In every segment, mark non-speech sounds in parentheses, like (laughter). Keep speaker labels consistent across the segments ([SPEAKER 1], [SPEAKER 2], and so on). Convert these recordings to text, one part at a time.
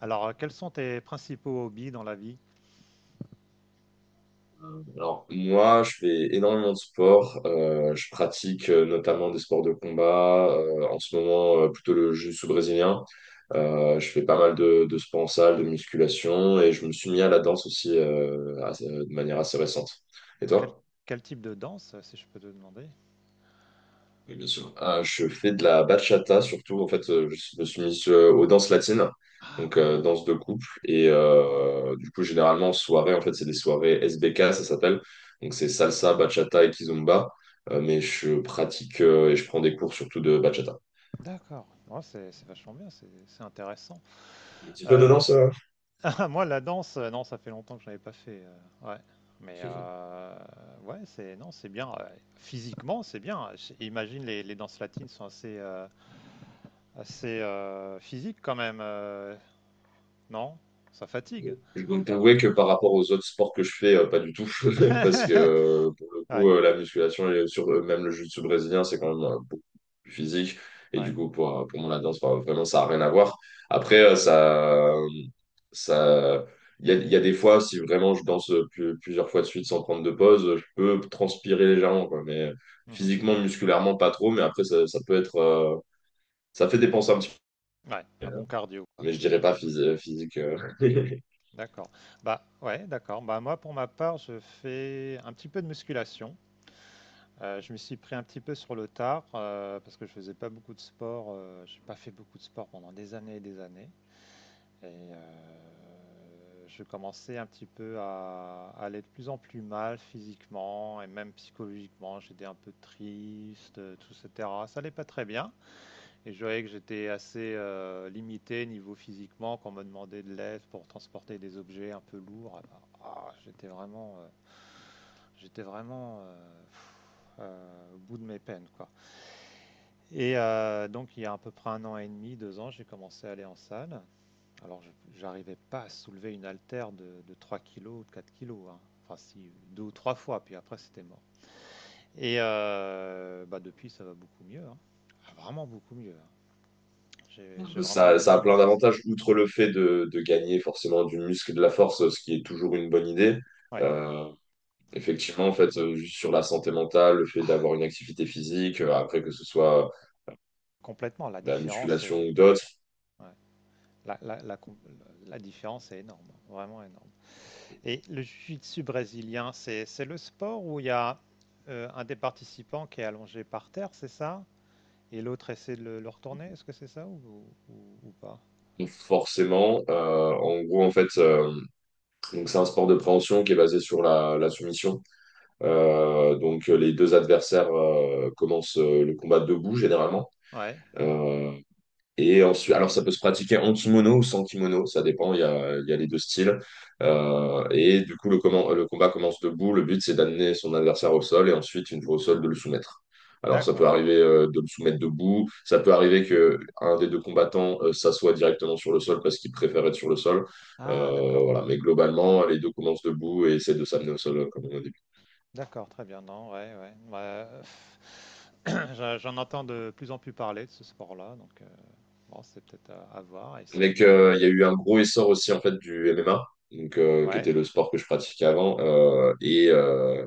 [SPEAKER 1] Alors, quels sont tes principaux hobbies dans la vie?
[SPEAKER 2] Alors, moi, je fais énormément de sport. Je pratique notamment des sports de combat. En ce moment, plutôt le jiu-jitsu brésilien. Je fais pas mal de sport en salle, de musculation. Et je me suis mis à la danse aussi de manière assez récente. Et
[SPEAKER 1] Quel,
[SPEAKER 2] toi?
[SPEAKER 1] quel type de danse, si je peux te demander?
[SPEAKER 2] Oui, bien sûr. Ah, je fais de la bachata surtout. En fait, je me suis mis aux danses latines,
[SPEAKER 1] Ah
[SPEAKER 2] donc
[SPEAKER 1] ouais,
[SPEAKER 2] danse de couple. Et
[SPEAKER 1] d'accord.
[SPEAKER 2] du coup, généralement, en soirée, en fait, c'est des soirées S B K ça s'appelle. Donc, c'est salsa, bachata et kizomba. Mais je pratique et je prends des cours surtout de bachata.
[SPEAKER 1] D'accord. Oh, c'est vachement bien, c'est intéressant.
[SPEAKER 2] Un petit peu de
[SPEAKER 1] Euh,
[SPEAKER 2] danse.
[SPEAKER 1] (laughs) moi, la danse, non, ça fait longtemps que je n'avais pas fait. Ouais. Mais ouais, c'est non, c'est bien. Physiquement, c'est bien. Imagine les danses latines sont assez, physiques quand même, non? Ça fatigue.
[SPEAKER 2] Je dois t'avouer que par rapport aux autres sports que je fais, pas du tout. (laughs) Parce que
[SPEAKER 1] (laughs)
[SPEAKER 2] pour le coup,
[SPEAKER 1] Ouais,
[SPEAKER 2] la musculation et sur, même le jiu-jitsu brésilien, c'est quand même beaucoup plus physique. Et du
[SPEAKER 1] ouais.
[SPEAKER 2] coup, pour moi, la danse, bah, vraiment, ça n'a rien à voir. Après, ça, il y a des fois, si vraiment je danse plusieurs fois de suite sans prendre de pause, je peux transpirer légèrement, quoi. Mais
[SPEAKER 1] Mhm.
[SPEAKER 2] physiquement, musculairement, pas trop. Mais après, ça peut être, ça fait dépenser un petit peu.
[SPEAKER 1] Ouais, un bon cardio, quoi.
[SPEAKER 2] Mais je dirais pas physique. (laughs)
[SPEAKER 1] D'accord. Bah, ouais, d'accord. Bah, moi, pour ma part, je fais un petit peu de musculation. Je me suis pris un petit peu sur le tard parce que je faisais pas beaucoup de sport. J'ai pas fait beaucoup de sport pendant des années. Et je commençais un petit peu à aller de plus en plus mal physiquement et même psychologiquement. J'étais un peu triste, tout, etc. Ça allait pas très bien. Et je voyais que j'étais assez limité niveau physiquement quand on me demandait de l'aide pour transporter des objets un peu lourds. Alors, ah, j'étais vraiment, j'étais vraiment euh, pff, au bout de mes peines, quoi. Et donc il y a à peu près un an et demi, deux ans, j'ai commencé à aller en salle. Alors j'arrivais pas à soulever une haltère de 3 kilos ou de 4 kilos, hein. Enfin si, deux ou trois fois, puis après c'était mort. Et bah, depuis ça va beaucoup mieux, hein. Ah, vraiment beaucoup mieux, hein. J'ai vraiment
[SPEAKER 2] Ça
[SPEAKER 1] amélioré
[SPEAKER 2] a
[SPEAKER 1] mon
[SPEAKER 2] plein d'avantages,
[SPEAKER 1] physique.
[SPEAKER 2] outre le fait de gagner forcément du muscle et de la force, ce qui est toujours une bonne idée.
[SPEAKER 1] Ouais,
[SPEAKER 2] Euh, Effectivement, en fait, juste sur la santé mentale, le fait d'avoir une activité physique, après que ce soit
[SPEAKER 1] complètement. La
[SPEAKER 2] la
[SPEAKER 1] différence
[SPEAKER 2] musculation ou d'autres,
[SPEAKER 1] ouais, la, la- la com- la différence est énorme, vraiment énorme. Et le jiu-jitsu brésilien, c'est le sport où il y a un des participants qui est allongé par terre, c'est ça? Et l'autre essaie de le retourner, est-ce que c'est ça ou pas?
[SPEAKER 2] forcément, en gros, en fait, donc c'est un sport de préhension qui est basé sur la, la soumission. Donc les deux adversaires commencent le combat debout généralement.
[SPEAKER 1] Ouais,
[SPEAKER 2] Euh, Et ensuite, alors ça peut se pratiquer en kimono ou sans kimono, ça dépend, il y a les deux styles.
[SPEAKER 1] d'accord.
[SPEAKER 2] Et du coup, le, le combat commence debout, le but c'est d'amener son adversaire au sol et ensuite, une fois au sol, de le soumettre. Alors ça peut
[SPEAKER 1] D'accord.
[SPEAKER 2] arriver de le soumettre debout, ça peut arriver que un des deux combattants s'assoie directement sur le sol parce qu'il préfère être sur le sol.
[SPEAKER 1] Ah, d'accord.
[SPEAKER 2] Voilà. Mais globalement, les deux commencent debout et essaient de s'amener au sol, comme on a dit.
[SPEAKER 1] D'accord, très bien. Non, ouais, ouais. Ouais. (clears throat) J'en entends de plus en plus parler de ce sport-là, donc bon, c'est peut-être à voir, à
[SPEAKER 2] Avec,
[SPEAKER 1] essayer.
[SPEAKER 2] il y a eu un gros essor aussi en fait du MMA, donc, qui
[SPEAKER 1] Ouais.
[SPEAKER 2] était le sport que je pratiquais avant.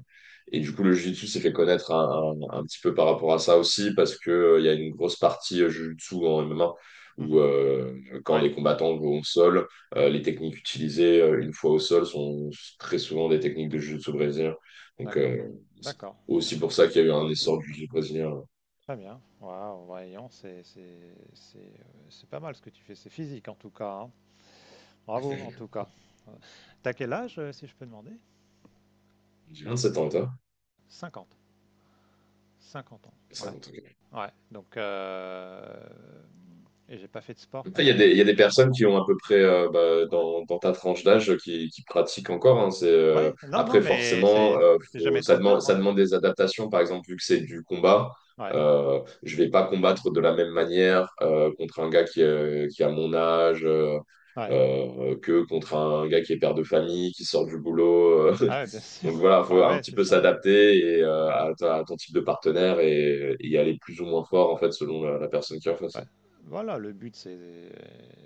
[SPEAKER 2] Et du coup, le jiu-jitsu s'est fait connaître un, un petit peu par rapport à ça aussi, parce que, il y a une grosse partie jiu-jitsu en MMA où
[SPEAKER 1] Mhm.
[SPEAKER 2] quand
[SPEAKER 1] Ouais.
[SPEAKER 2] les combattants vont au sol, les techniques utilisées une fois au sol sont très souvent des techniques de jiu-jitsu brésilien. Donc,
[SPEAKER 1] D'accord,
[SPEAKER 2] c'est
[SPEAKER 1] d'accord,
[SPEAKER 2] aussi pour
[SPEAKER 1] d'accord.
[SPEAKER 2] ça qu'il y a eu un essor du jiu-jitsu brésilien.
[SPEAKER 1] Très bien. Waouh, voyons, c'est pas mal ce que tu fais. C'est physique en tout cas, hein. Bravo en tout cas. Euh, T'as quel âge, si je peux demander?
[SPEAKER 2] J'ai 27 ans, et toi?
[SPEAKER 1] 50, 50 ans. Ouais.
[SPEAKER 2] 50, ok.
[SPEAKER 1] Ouais. Donc, et j'ai pas fait de sport
[SPEAKER 2] Après, il y a
[SPEAKER 1] pendant
[SPEAKER 2] des, il y a des
[SPEAKER 1] 30
[SPEAKER 2] personnes
[SPEAKER 1] ans.
[SPEAKER 2] qui ont à peu près bah,
[SPEAKER 1] Ouais.
[SPEAKER 2] dans, dans ta tranche d'âge qui pratiquent encore. Hein. C'est,
[SPEAKER 1] Ouais. Non, non,
[SPEAKER 2] après,
[SPEAKER 1] mais
[SPEAKER 2] forcément,
[SPEAKER 1] c'est c'est jamais trop tard,
[SPEAKER 2] ça
[SPEAKER 1] hein.
[SPEAKER 2] demande des adaptations. Par exemple, vu que c'est du combat,
[SPEAKER 1] Ouais.
[SPEAKER 2] je vais pas combattre de la même manière contre un gars qui a mon âge
[SPEAKER 1] Ouais.
[SPEAKER 2] que contre un gars qui est père de famille, qui sort du boulot.
[SPEAKER 1] Ah,
[SPEAKER 2] (laughs)
[SPEAKER 1] ouais, bien sûr.
[SPEAKER 2] Donc
[SPEAKER 1] (laughs)
[SPEAKER 2] voilà, faut
[SPEAKER 1] Bah
[SPEAKER 2] un
[SPEAKER 1] ouais,
[SPEAKER 2] petit
[SPEAKER 1] c'est
[SPEAKER 2] peu
[SPEAKER 1] ça, ouais.
[SPEAKER 2] s'adapter et,
[SPEAKER 1] Ouais.
[SPEAKER 2] à,
[SPEAKER 1] Ouais.
[SPEAKER 2] à ton type de partenaire et y aller plus ou moins fort en fait selon la, la personne qui est en face.
[SPEAKER 1] Ouais.
[SPEAKER 2] Hein.
[SPEAKER 1] Voilà, le but, c'est,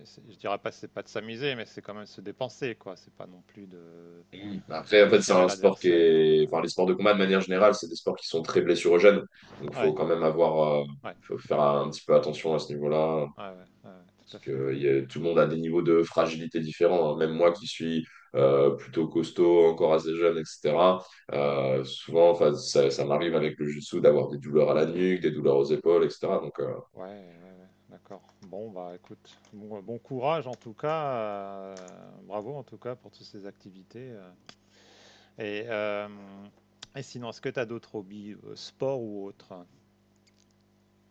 [SPEAKER 1] c'est- je dirais pas, c'est pas de s'amuser, mais c'est quand même se dépenser, quoi. C'est pas non plus de
[SPEAKER 2] Oui. Après, en fait, c'est
[SPEAKER 1] déchirer
[SPEAKER 2] un sport qui
[SPEAKER 1] l'adversaire.
[SPEAKER 2] est… Enfin, les sports de combat, de manière générale, c'est des sports qui sont très blessurogènes. Donc, il faut
[SPEAKER 1] Ouais,
[SPEAKER 2] quand même avoir…
[SPEAKER 1] ouais,
[SPEAKER 2] faut faire un petit peu attention à ce niveau-là.
[SPEAKER 1] ouais, ouais, ouais, ouais,
[SPEAKER 2] Parce
[SPEAKER 1] tout à fait,
[SPEAKER 2] que
[SPEAKER 1] ouais.
[SPEAKER 2] il y a- tout le monde a des niveaux de fragilité différents. Hein. Même moi
[SPEAKER 1] Mhm.
[SPEAKER 2] qui suis plutôt costaud, encore assez jeune, etc.
[SPEAKER 1] Ouais,
[SPEAKER 2] Souvent, enfin, ça m'arrive avec le jiu-jitsu d'avoir des douleurs à la nuque, des douleurs aux épaules, etc.
[SPEAKER 1] ouais, ouais, ouais, d'accord. Bon, bah, écoute, bon, bon courage en tout cas, bravo en tout cas pour toutes ces activités. Et, euh, et sinon, est-ce que tu as d'autres hobbies, sport ou autre?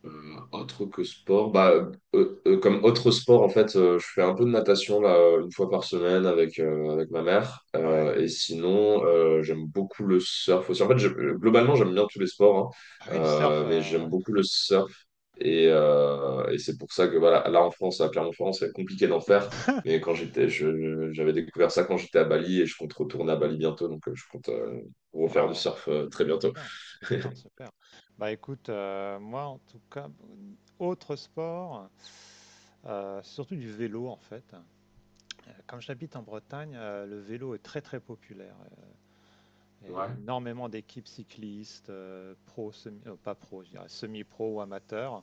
[SPEAKER 2] Autre que sport, bah, comme autre sport, en fait, je fais un peu de natation là, une fois par semaine avec, avec ma mère.
[SPEAKER 1] Ouais.
[SPEAKER 2] Et sinon, j'aime beaucoup le surf aussi. En fait, globalement, j'aime bien tous les sports,
[SPEAKER 1] Ah
[SPEAKER 2] hein,
[SPEAKER 1] oui, le surf,
[SPEAKER 2] mais j'aime beaucoup le surf.
[SPEAKER 1] ouais.
[SPEAKER 2] Et c'est pour ça que voilà, là en France, à Clermont-Ferrand, c'est compliqué d'en faire.
[SPEAKER 1] (laughs)
[SPEAKER 2] Mais quand j'étais, j'avais découvert ça quand j'étais à Bali et je compte retourner à Bali bientôt. Donc, je compte refaire du
[SPEAKER 1] Waouh.
[SPEAKER 2] surf très bientôt.
[SPEAKER 1] Super, super,
[SPEAKER 2] (laughs)
[SPEAKER 1] super. Bah écoute, moi en tout cas, autre sport, surtout du vélo en fait. Comme j'habite en Bretagne, le vélo est très très populaire. Et
[SPEAKER 2] Ouais.
[SPEAKER 1] énormément d'équipes cyclistes, pro, semi, pas pro, je dirais, semi-pro ou amateurs,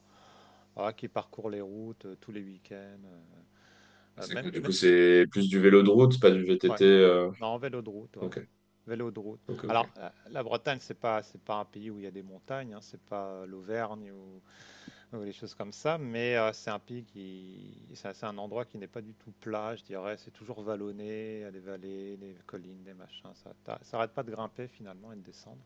[SPEAKER 1] ah, qui parcourent les routes tous les week-ends,
[SPEAKER 2] C'est
[SPEAKER 1] même,
[SPEAKER 2] que du coup, c'est plus du vélo de route, pas du
[SPEAKER 1] ouais,
[SPEAKER 2] VTT.
[SPEAKER 1] non, vélo de route, ouais.
[SPEAKER 2] Ok,
[SPEAKER 1] Vélo de route.
[SPEAKER 2] ok, ok.
[SPEAKER 1] Alors, la Bretagne, c'est pas un pays où il y a des montagnes, hein, c'est pas l'Auvergne ou des choses comme ça, mais c'est un pays qui, c'est un endroit qui n'est pas du tout plat, je dirais. C'est toujours vallonné, il y a des vallées, des collines, des machins. Ça arrête pas de grimper finalement et de descendre.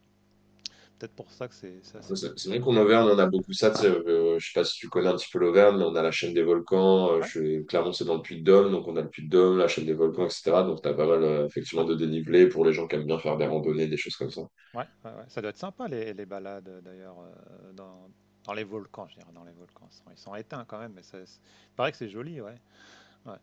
[SPEAKER 1] Peut-être pour ça que c'est assez
[SPEAKER 2] Ouais, c'est vrai
[SPEAKER 1] populaire.
[SPEAKER 2] qu'en Auvergne, on a beaucoup ça. Tu sais, je sais pas si tu connais un petit peu l'Auvergne, mais on a la chaîne des volcans.
[SPEAKER 1] Ouais,
[SPEAKER 2] Clermont, c'est dans le Puy-de-Dôme, donc on a le Puy-de-Dôme, la chaîne des volcans, etc. Donc, tu as pas mal,
[SPEAKER 1] ouais,
[SPEAKER 2] effectivement, de dénivelé pour les gens qui aiment bien faire des randonnées, des choses comme ça.
[SPEAKER 1] ouais, ouais, ouais. Ça doit être sympa les balades d'ailleurs dans les volcans, je dirais, dans les volcans. Ils sont éteints quand même, mais ça, il paraît que c'est joli, ouais. Ouais.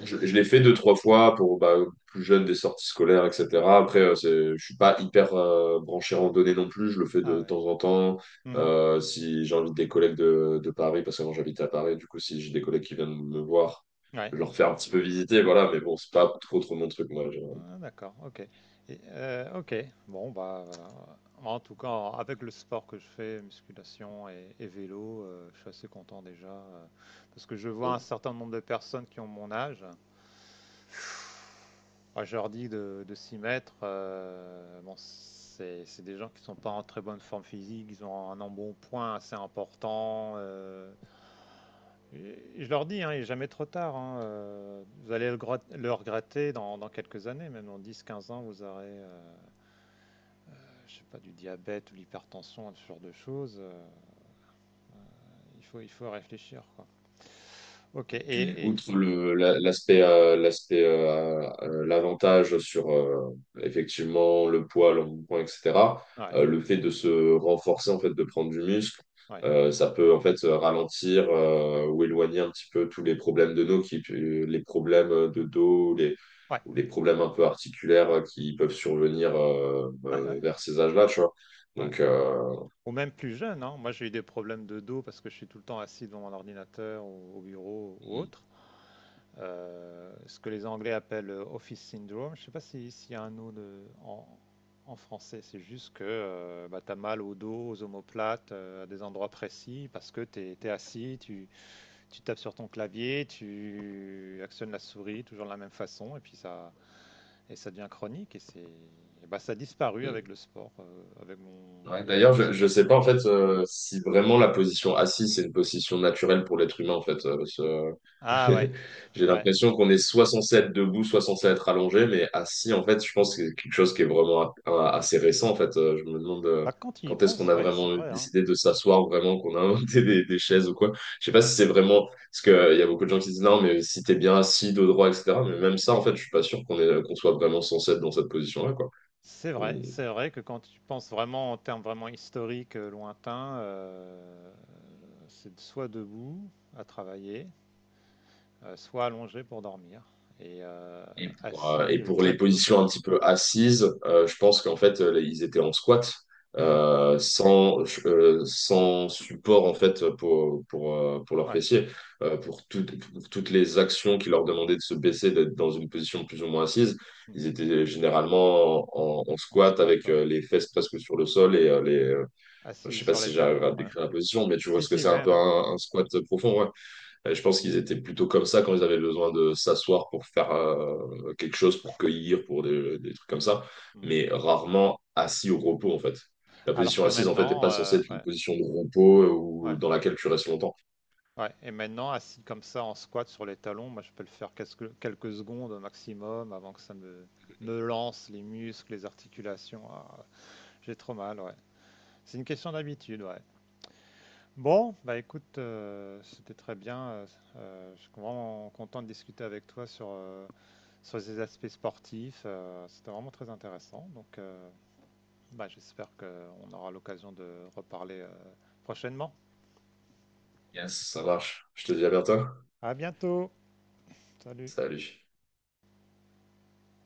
[SPEAKER 2] Je l'ai fait deux, trois fois pour bah, plus jeune des sorties scolaires, etc. Après, je suis pas hyper branché randonnée non plus. Je le fais
[SPEAKER 1] Ah
[SPEAKER 2] de
[SPEAKER 1] ouais.
[SPEAKER 2] temps en temps.
[SPEAKER 1] Mhm.
[SPEAKER 2] Si j'invite des collègues de Paris, parce que moi j'habite à Paris, du coup, si j'ai des collègues qui viennent me voir,
[SPEAKER 1] Ouais.
[SPEAKER 2] je leur fais un petit peu visiter, voilà. Mais bon, c'est pas trop trop mon truc, moi.
[SPEAKER 1] Ah, d'accord, ok. Et, ok, bon, bah, en tout cas, avec le sport que je fais, musculation et vélo, je suis assez content déjà. Parce que je vois un certain nombre de personnes qui ont mon âge. Moi, je leur dis de s'y mettre. Bon, c'est des gens qui sont pas en très bonne forme physique, ils ont un embonpoint assez important. Et je leur dis, hein, il n'est jamais trop tard, hein. Vous allez le, le regretter dans quelques années, même dans dix, quinze ans, vous aurez. Je sais pas, du diabète ou l'hypertension, ce genre de choses, il faut réfléchir, quoi. Ok,
[SPEAKER 2] Puis, outre le, l'aspect, l'aspect, l'avantage sur effectivement le poids, le mouvement, etc.,
[SPEAKER 1] ouais,
[SPEAKER 2] le fait de se renforcer, en fait, de prendre du muscle,
[SPEAKER 1] ouais,
[SPEAKER 2] ça peut en fait ralentir ou éloigner un petit peu tous les problèmes de dos, qui, les problèmes de dos, les,
[SPEAKER 1] ouais,
[SPEAKER 2] ou les problèmes un peu articulaires qui peuvent survenir
[SPEAKER 1] ouais, ouais,
[SPEAKER 2] vers ces âges-là, tu vois.
[SPEAKER 1] ouais.
[SPEAKER 2] Donc,
[SPEAKER 1] Ou même plus jeune, hein. Moi, j'ai eu des problèmes de dos parce que je suis tout le temps assis devant mon ordinateur ou au bureau ou
[SPEAKER 2] hmm,
[SPEAKER 1] autre. Ce que les Anglais appellent office syndrome. Je sais pas s'il y a un mot en en français. C'est juste que tu as mal au dos, aux omoplates, à des endroits précis parce que tu es, assis, tu tapes sur ton clavier, tu actionnes la souris toujours de la même façon, et puis et ça devient chronique. Et bah, ça a disparu avec
[SPEAKER 2] hmm.
[SPEAKER 1] le sport, avec
[SPEAKER 2] Ouais,
[SPEAKER 1] ma
[SPEAKER 2] d'ailleurs, je sais
[SPEAKER 1] musculation,
[SPEAKER 2] pas en
[SPEAKER 1] ouais.
[SPEAKER 2] fait si vraiment la position assise c'est une position naturelle pour l'être humain en fait.
[SPEAKER 1] Ah ouais,
[SPEAKER 2] (laughs) J'ai
[SPEAKER 1] ouais.
[SPEAKER 2] l'impression qu'on est soit censé être debout, soit censé être allongé, mais assis en fait, je pense que c'est quelque chose qui est vraiment assez récent en fait. Je me demande
[SPEAKER 1] Bah, quand tu y
[SPEAKER 2] quand est-ce
[SPEAKER 1] penses,
[SPEAKER 2] qu'on a
[SPEAKER 1] ouais, c'est
[SPEAKER 2] vraiment
[SPEAKER 1] vrai, hein.
[SPEAKER 2] décidé de s'asseoir vraiment, qu'on a (laughs) inventé des chaises ou quoi. Je sais pas
[SPEAKER 1] Ouais.
[SPEAKER 2] si c'est vraiment parce que il y a beaucoup de gens qui disent non, mais si t'es bien assis, dos droit, etc. Mais même ça en fait, je suis pas sûr qu'on est qu'on soit vraiment censé être dans cette position-là quoi. Hmm.
[SPEAKER 1] C'est vrai que quand tu penses vraiment en termes vraiment historiques, lointains, c'est soit debout à travailler, soit allongé pour dormir, et
[SPEAKER 2] Et
[SPEAKER 1] assis
[SPEAKER 2] pour
[SPEAKER 1] très
[SPEAKER 2] les
[SPEAKER 1] peu,
[SPEAKER 2] positions
[SPEAKER 1] quoi.
[SPEAKER 2] un petit peu assises, je pense qu'en fait, ils étaient en squat
[SPEAKER 1] Mhm.
[SPEAKER 2] euh, sans, sans support en fait pour leurs
[SPEAKER 1] Ouais.
[SPEAKER 2] fessiers. Pour, toutes pour toutes les actions qui leur demandaient de se baisser, d'être dans une position plus ou moins assise.
[SPEAKER 1] Mm.
[SPEAKER 2] Ils étaient généralement en, en
[SPEAKER 1] En
[SPEAKER 2] squat
[SPEAKER 1] squat,
[SPEAKER 2] avec
[SPEAKER 1] ouais.
[SPEAKER 2] les fesses presque sur le sol et
[SPEAKER 1] Ah
[SPEAKER 2] je
[SPEAKER 1] si,
[SPEAKER 2] sais pas
[SPEAKER 1] sur les
[SPEAKER 2] si j'arrive
[SPEAKER 1] talons,
[SPEAKER 2] à
[SPEAKER 1] ouais.
[SPEAKER 2] décrire la position, mais tu vois
[SPEAKER 1] Si,
[SPEAKER 2] ce que
[SPEAKER 1] si,
[SPEAKER 2] c'est un
[SPEAKER 1] ouais,
[SPEAKER 2] peu
[SPEAKER 1] même.
[SPEAKER 2] un squat profond, ouais. Et je pense qu'ils étaient plutôt comme ça quand ils avaient besoin de s'asseoir pour faire quelque chose, pour cueillir, pour des trucs comme
[SPEAKER 1] Mm.
[SPEAKER 2] ça,
[SPEAKER 1] Mm.
[SPEAKER 2] mais rarement assis au repos en fait. La
[SPEAKER 1] Alors
[SPEAKER 2] position
[SPEAKER 1] que
[SPEAKER 2] assise en fait n'est
[SPEAKER 1] maintenant,
[SPEAKER 2] pas censée être une
[SPEAKER 1] ouais,
[SPEAKER 2] position de repos ou
[SPEAKER 1] ouais,
[SPEAKER 2] dans laquelle tu restes longtemps.
[SPEAKER 1] ouais. Et maintenant, assis comme ça en squat sur les talons, moi je peux le faire quelques, quelques secondes au maximum avant que ça me lance les muscles, les articulations. Ah, j'ai trop mal, ouais. C'est une question d'habitude, ouais. Bon, bah écoute, c'était très bien. Je suis vraiment content de discuter avec toi sur, sur ces aspects sportifs. C'était vraiment très intéressant. Donc, bah, j'espère qu'on aura l'occasion de reparler prochainement.
[SPEAKER 2] Yes, ça marche. Je te dis à bientôt.
[SPEAKER 1] À bientôt. Salut.
[SPEAKER 2] Salut.